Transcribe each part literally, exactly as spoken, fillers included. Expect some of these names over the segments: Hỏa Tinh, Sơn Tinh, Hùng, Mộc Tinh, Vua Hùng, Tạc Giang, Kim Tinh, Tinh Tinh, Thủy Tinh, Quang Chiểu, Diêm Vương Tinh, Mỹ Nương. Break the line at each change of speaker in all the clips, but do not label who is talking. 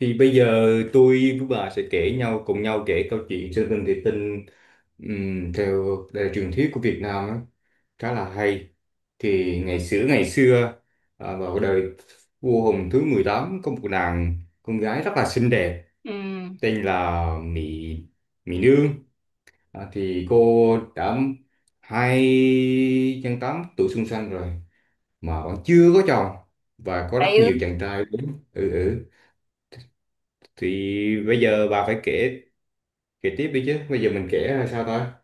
Thì bây giờ tôi với bà sẽ kể nhau cùng nhau kể câu chuyện Sơn Tinh Thủy Tinh, ừm, theo đời truyền thuyết của Việt Nam á, khá là hay. Thì ngày xưa ngày xưa à, vào đời vua Hùng thứ mười tám có một nàng con gái rất là xinh đẹp,
Ừ,
tên là Mỹ Mỹ Nương. À, thì cô đã hai trăm tám tuổi xuân xanh rồi mà vẫn chưa có chồng, và có rất
ừ.
nhiều chàng trai đúng, ừ, ừ. Thì bây giờ bà phải kể kể tiếp đi chứ, bây giờ mình kể là sao ta?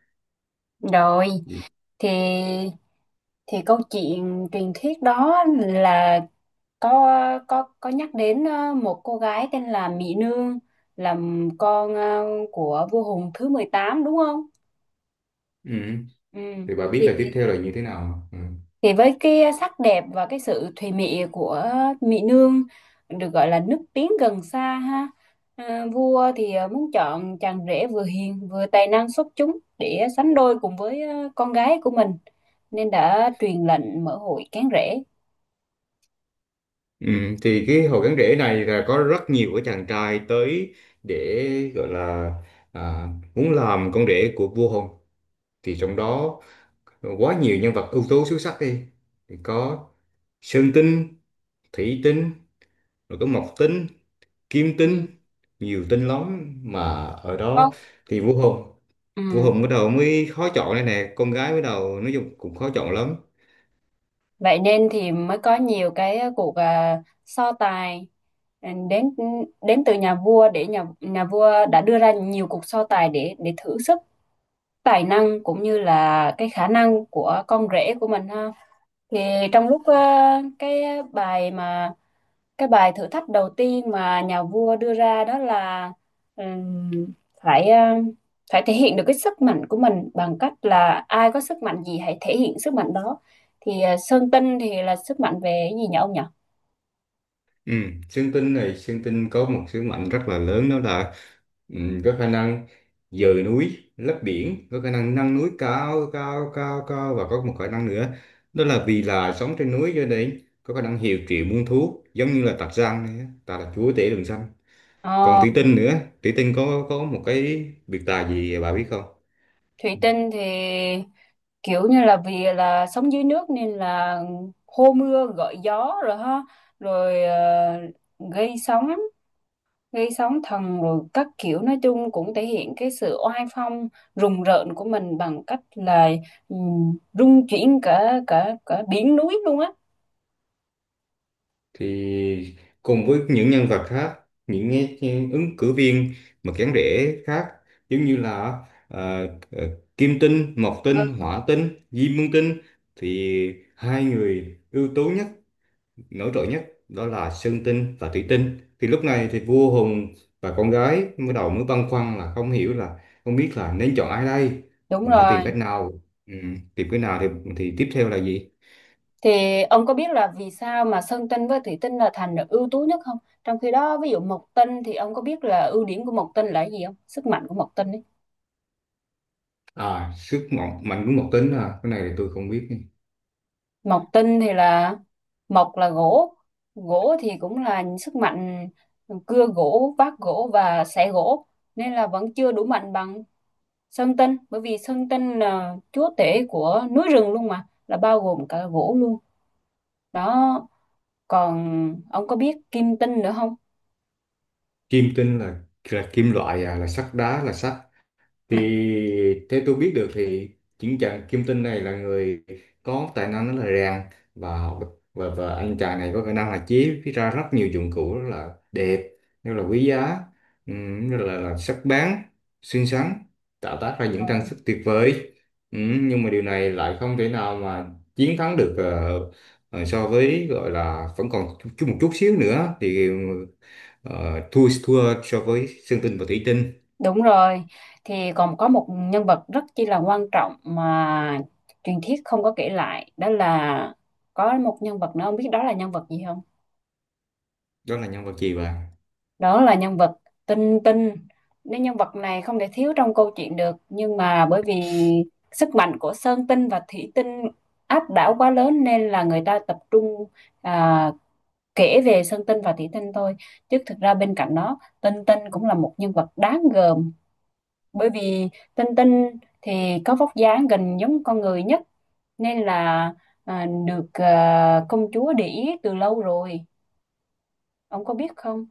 Rồi,
Ừ.
thì thì câu chuyện truyền thuyết đó là có có có nhắc đến ờ, một cô gái tên là Mỹ Nương, là con ờ, của vua Hùng thứ mười tám, đúng không?
Ừ.
Ừ.
Thì bà biết
Thì
là tiếp theo là như thế nào? Ừ.
Thì với cái sắc đẹp và cái sự thùy mị của Mỹ Nương, được gọi là nước tiếng gần xa, ha. À, vua thì à, muốn chọn chàng rể vừa hiền vừa tài năng xuất chúng để sánh đôi cùng với à, con gái của mình, nên đã truyền lệnh mở hội cán rể.
Ừ. Thì cái hồ gắn rễ này là có rất nhiều cái chàng trai tới để gọi là, à, muốn làm con rể của vua Hùng. Thì trong đó quá nhiều nhân vật ưu tú xuất sắc đi, thì có Sơn Tinh, Thủy Tinh, rồi có Mộc Tinh, Kim
Ừ.
Tinh, nhiều tinh lắm mà ở đó.
Con.
Thì vua Hùng vua
Ừ.
Hùng bắt đầu mới khó chọn đây nè, con gái bắt đầu nói chung cũng khó chọn lắm.
Vậy nên thì mới có nhiều cái ờ, cuộc à, so tài, ừ, đến đến từ nhà vua, để nhà nhà vua đã đưa ra nhiều cuộc so tài để để thử sức, tài năng cũng như là cái khả năng của con rể của mình, ha. Thì trong lúc ờ, cái bài mà cái bài thử thách đầu tiên mà nhà vua đưa ra đó là ừm, phải ừm, phải thể hiện được cái sức mạnh của mình bằng cách là ai có sức mạnh gì hãy thể hiện sức mạnh đó. Thì ờ, Sơn Tinh thì là sức mạnh về cái gì nhỉ ông nhỉ?
Ừ, Sơn Tinh này, Sơn Tinh có một sứ mệnh rất là lớn, đó là, ừ, có khả năng dời núi, lấp biển, có khả năng nâng núi cao, cao, cao, cao, và có một khả năng nữa, đó là vì là sống trên núi cho nên có khả năng hiệu triệu muôn thú, giống như là Tạc Giang này, á, ta là chúa tể rừng xanh. Còn
Ờ,
Thủy Tinh nữa, Thủy Tinh có có một cái biệt tài gì bà biết không?
Thủy Tinh thì kiểu như là vì là sống dưới nước nên là hô mưa gọi gió rồi, ha, rồi ờ, gây sóng gây sóng thần rồi các kiểu, nói chung cũng thể hiện cái sự oai phong rùng rợn của mình bằng cách là ừm, rung chuyển cả cả cả biển núi luôn á.
Thì cùng với những nhân vật khác, những cái- cái ứng cử viên mà kén rể khác, giống như là, ờ, ờ, Kim Tinh, Mộc
Ừ.
Tinh, Hỏa Tinh, Diêm Vương Tinh. Thì hai người ưu tú nhất, nổi trội nhất đó là Sơn Tinh và Thủy Tinh. Thì lúc này thì vua Hùng và con gái mới đầu mới băn khoăn là không hiểu là không biết là nên chọn ai đây,
Đúng
mình phải tìm
rồi.
cách nào, ừ, tìm cái nào thì thì tiếp theo là gì?
Thì ông có biết là vì sao mà Sơn Tinh với Thủy Tinh là thành được ưu tú nhất không, trong khi đó ví dụ Mộc Tinh thì ông có biết là ưu điểm của Mộc Tinh là cái gì không, sức mạnh của Mộc Tinh ấy?
À, sức mạnh mạnh của Mộc Tinh à, cái này thì tôi không biết.
Mộc Tinh thì là, mộc là gỗ, gỗ thì cũng là sức mạnh, cưa gỗ vác gỗ và xẻ gỗ, nên là vẫn chưa đủ mạnh bằng Sơn Tinh, bởi vì Sơn Tinh là chúa tể của núi rừng luôn mà, là bao gồm cả gỗ luôn đó. Còn ông có biết Kim Tinh nữa không?
Kim Tinh là là kim loại à, là sắt đá, là sắt. Thì theo tôi biết được thì chính chàng Kim Tinh này là người có tài năng rất là rèn và học, và, và anh chàng này có khả năng là chế ra rất nhiều dụng cụ rất là đẹp, rất là quý giá, ừm, rất là, là sắc bén, xinh xắn, tạo tác ra những
Rồi.
trang sức tuyệt vời. Ừm, nhưng mà điều này lại không thể nào mà chiến thắng được, ờ, ờ, so với gọi là vẫn còn chút một chút xíu nữa thì, ờ, thua thua so với Sơn Tinh và Thủy Tinh.
Đúng rồi, thì còn có một nhân vật rất chi là quan trọng mà truyền thuyết không có kể lại, đó là có một nhân vật nữa, ông biết đó là nhân vật gì không?
Đó là nhân vật gì vậy?
Đó là nhân vật Tinh Tinh. Nên nhân vật này không thể thiếu trong câu chuyện được, nhưng mà bởi vì sức mạnh của Sơn Tinh và Thủy Tinh áp đảo quá lớn nên là người ta tập trung à, kể về Sơn Tinh và Thủy Tinh thôi, chứ thực ra bên cạnh đó Tinh Tinh cũng là một nhân vật đáng gờm. Bởi vì Tinh Tinh thì có vóc dáng gần giống con người nhất, nên là à, được à, công chúa để ý từ lâu rồi, ông có biết không?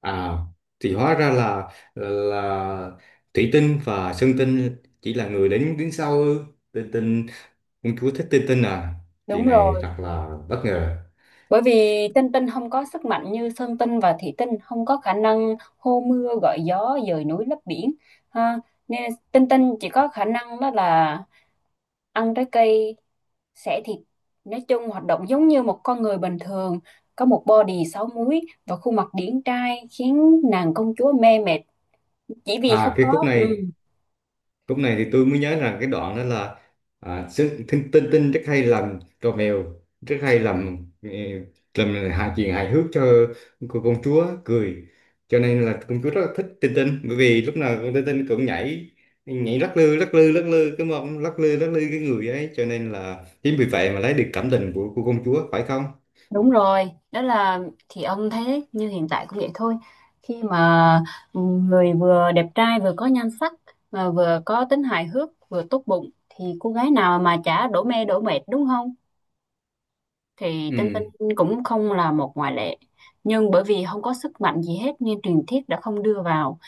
À, thì hóa ra là là Thủy Tinh và Sơn Tinh chỉ là người đến đứng sau ư? Tinh Tinh, công chúa thích Tinh Tinh à? Chuyện
Đúng
này
rồi.
thật là bất ngờ.
Bởi vì Tinh Tinh không có sức mạnh như Sơn Tinh và Thủy Tinh, không có khả năng hô mưa gọi gió dời núi lấp biển. Ha. Nên Tinh Tinh chỉ có khả năng đó là ăn trái cây, xẻ thịt. Nói chung hoạt động giống như một con người bình thường, có một body sáu múi và khuôn mặt điển trai khiến nàng công chúa mê mệt chỉ vì không
À, cái khúc
có. Ừ.
này, lúc này thì tôi mới nhớ rằng cái đoạn đó là, à, sức- tinh, tinh tinh rất hay làm trò mèo, rất hay làm, ờ, làm hài, chuyện hài hước cho cô công chúa cười, cho nên là công chúa rất là thích tinh tinh, bởi vì lúc nào con tinh tinh cũng nhảy nhảy lắc lư lắc lư lắc lư cái mông, lắc lư lắc lư cái người ấy, cho nên là chính vì vậy mà lấy được cảm tình của cô công chúa phải không?
Đúng rồi, đó là, thì ông thấy đấy, như hiện tại cũng vậy thôi. Khi mà người vừa đẹp trai vừa có nhan sắc mà vừa có tính hài hước, vừa tốt bụng thì cô gái nào mà chả đổ mê đổ mệt, đúng không? Thì Tinh
Ừ.
Tinh cũng không là một ngoại lệ. Nhưng bởi vì không có sức mạnh gì hết nên truyền thuyết đã không đưa vào.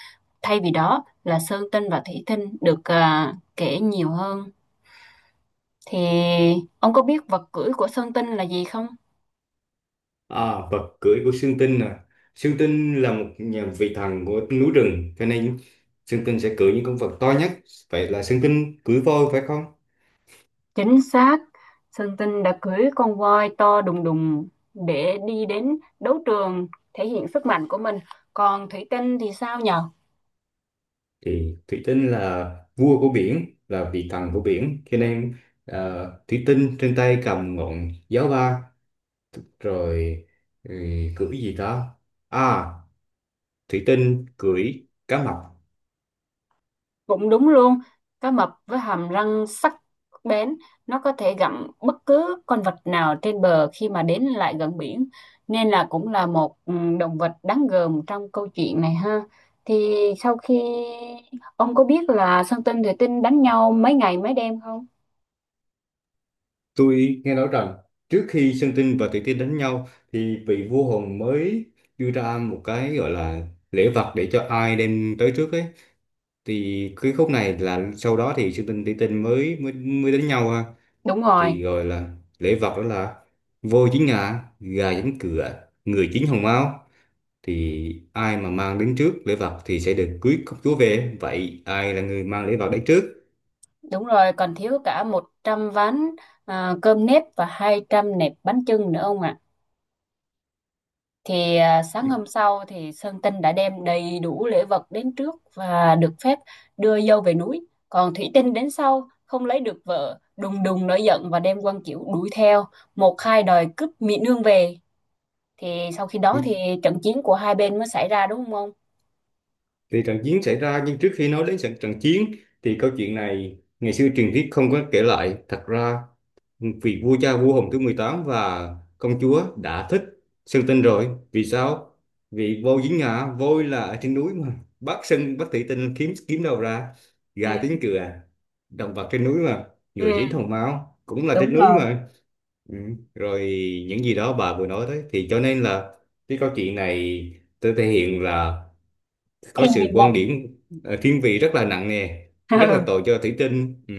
Thay vì đó là Sơn Tinh và Thủy Tinh được à, kể nhiều hơn. Thì ông có biết vật cưỡi của Sơn Tinh là gì không?
À, vật cưỡi của Sương Tinh à. Sương Tinh là một nhà vị thần của núi rừng, cho nên Sương Tinh sẽ cưỡi những con vật to nhất. Vậy là Sương Tinh cưỡi voi phải không?
Chính xác, Sơn Tinh đã cưỡi con voi to đùng đùng để đi đến đấu trường thể hiện sức mạnh của mình. Còn Thủy Tinh thì sao nhờ?
Thì Thủy Tinh là vua của biển, là vị thần của biển, cho nên, à, Thủy Tinh trên tay cầm ngọn giáo ba, rồi, ừ, cưỡi gì đó. À, Thủy Tinh cưỡi cá mập.
Cũng đúng luôn, cá mập với hàm răng sắc bén, nó có thể gặm bất cứ con vật nào trên bờ khi mà đến lại gần biển, nên là cũng là một, ừ, động vật đáng gờm trong câu chuyện này, ha. Thì sau khi, ông có biết là Sơn Tinh Thủy Tinh đánh nhau mấy ngày mấy đêm không?
Tôi nghe nói rằng trước khi Sơn Tinh và Thủy Tiên đánh nhau thì vị vua hồn mới đưa ra một cái gọi là lễ vật để cho ai đem tới trước ấy. Thì cái khúc này là sau đó thì Sơn Tinh Thủy Tiên mới mới mới đánh nhau ha.
Đúng rồi.
Thì gọi là lễ vật đó là voi chín ngà, gà chín cựa, người chín hồng mao. Thì ai mà mang đến trước lễ vật thì sẽ được cưới công chúa về. Vậy ai là người mang lễ vật đến trước?
Đúng rồi, còn thiếu cả một trăm ván à, cơm nếp và hai trăm nẹp bánh chưng nữa ông ạ. Thì à, sáng hôm sau thì Sơn Tinh đã đem đầy đủ lễ vật đến trước và được phép đưa dâu về núi. Còn Thủy Tinh đến sau, không lấy được vợ, đùng đùng nổi giận và đem Quang Chiểu đuổi theo, một hai đòi cướp Mỹ Nương về. Thì sau khi đó thì trận chiến của hai bên mới xảy ra, đúng không ông?
Thì trận chiến xảy ra, nhưng trước khi nói đến trận trận chiến thì câu chuyện này ngày xưa truyền thuyết không có kể lại. Thật ra vì vua cha vua Hùng thứ mười tám và công chúa đã thích Sơn Tinh rồi. Vì sao? Vì voi dính ngã, voi là ở trên núi mà. Bác Sơn, bác Thủy Tinh kiếm kiếm đâu ra gà
Ừ,
tiếng cựa, động vật trên núi mà. Người
ừ,
chín hồng máu cũng là
đúng
trên núi
rồi.
mà. Ừ. Rồi những gì đó bà vừa nói đấy, thì cho nên là cái câu chuyện này tôi thể hiện là có
Thiên vị
sự
lần.
quan điểm, ờ, thiên vị rất là nặng nề, rất là tội cho Thủy Tinh. Ừ.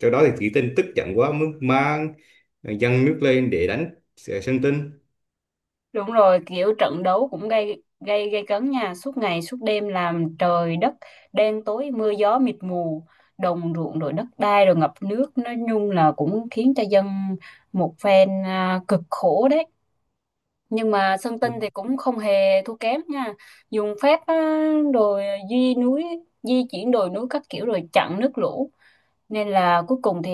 Sau đó thì Thủy Tinh tức giận quá mới mang, ờ, dâng nước lên để đánh, ờ, Sơn Tinh.
Đúng rồi, kiểu trận đấu cũng gây gây gây cấn nha, suốt ngày suốt đêm làm trời đất đen tối mưa gió mịt mù, đồng ruộng rồi đất đai rồi ngập nước, nói chung là cũng khiến cho dân một phen à, cực khổ đấy. Nhưng mà Sơn Tinh thì cũng không hề thua kém nha. Dùng phép á, rồi di núi, di chuyển đồi núi các kiểu rồi chặn nước lũ. Nên là cuối cùng thì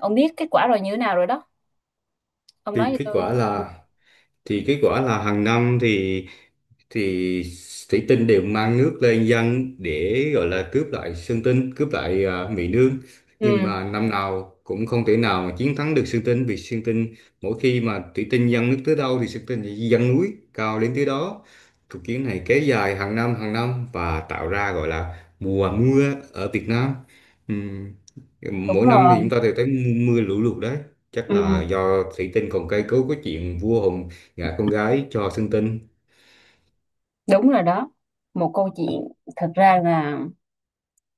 ông biết kết quả rồi như thế nào rồi đó. Ông nói
Thì
cho
kết
tôi.
quả là, thì kết quả là hàng năm thì thì Thủy Tinh đều mang nước lên dân để gọi là cướp lại Sơn Tinh, cướp lại, à, Mỹ Nương. Nhưng
Ừ,
mà năm nào cũng không thể nào mà chiến thắng được Sơn Tinh, vì Sơn Tinh mỗi khi mà Thủy Tinh dâng nước tới đâu thì Sơn Tinh sẽ dâng núi cao đến tới đó. Cuộc chiến này kéo dài hàng năm hàng năm và tạo ra gọi là mùa mưa ở Việt Nam. Ừm,
đúng
Mỗi năm thì chúng
rồi.
ta đều thấy mưa, mưa lũ lụt đấy. Chắc
Ừ.
là do Thủy Tinh còn cây cấu cái chuyện vua Hùng gả con gái cho Sơn Tinh.
Đúng rồi đó, một câu chuyện thật ra là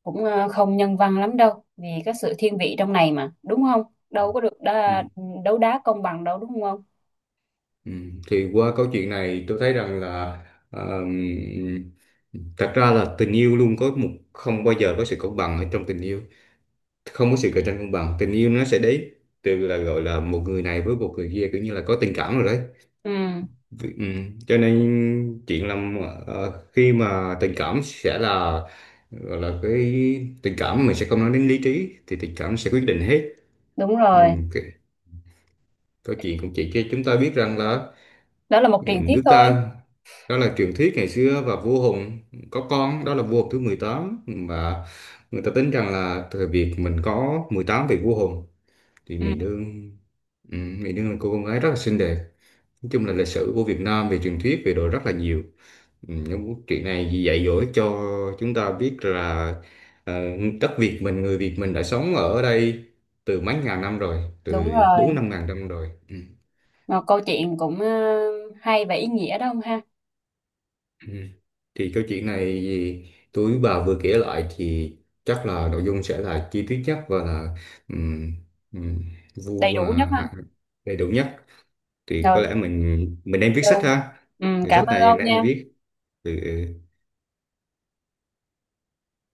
cũng ờ, không nhân văn lắm đâu, vì cái sự thiên vị trong này mà, đúng không? Đâu có được
Ừ.
đá, đấu đá công bằng đâu đúng không?
Ừ, thì qua câu chuyện này tôi thấy rằng là, um, thật ra là tình yêu luôn có một không bao giờ có sự công bằng ở trong tình yêu, không có sự cạnh tranh công bằng, tình yêu nó sẽ đến từ là gọi là một người này với một người kia, kiểu như là có tình cảm rồi đấy.
Ừ,
Ừ. Cho nên chuyện là, ờ, khi mà tình cảm sẽ là gọi là cái tình cảm, mình sẽ không nói đến lý trí, thì tình cảm sẽ quyết định hết.
đúng
Ừ.
rồi,
cái- Câu chuyện cũng chỉ cho chúng ta biết rằng là,
đó là một
dạ,
truyền thuyết
nước
thôi.
ta đó là truyền thuyết ngày xưa, và vua Hùng có con đó là vua Hùng thứ mười tám, và người ta tính rằng là thời Việt mình có mười tám vị vua Hùng. Thì
Ừ,
Mỹ Nương, ừ, Mỹ Nương là cô con gái rất là xinh đẹp. Nói chung là lịch sử của Việt Nam về truyền thuyết về đồ rất là nhiều. Ừ, những chuyện này dạy dỗ cho chúng ta biết là, ờ, đất Việt mình, người Việt mình đã sống ở đây từ mấy ngàn năm rồi,
đúng
từ
rồi,
bốn năm ngàn năm rồi. Ừ.
một câu chuyện cũng ờ, hay và ý nghĩa đó không ha?
Ừ. Thì câu chuyện này gì tôi bà vừa kể lại thì chắc là nội dung sẽ là chi tiết nhất và là, um, um, vu
Đầy
và
đủ nhất ha.
hạ đầy đủ nhất, thì có
Rồi,
lẽ mình mình đang viết
ờ,
sách ha.
ừ,
Thì
cảm
sách
ơn
này
ông
đang
nha.
viết. Ừ.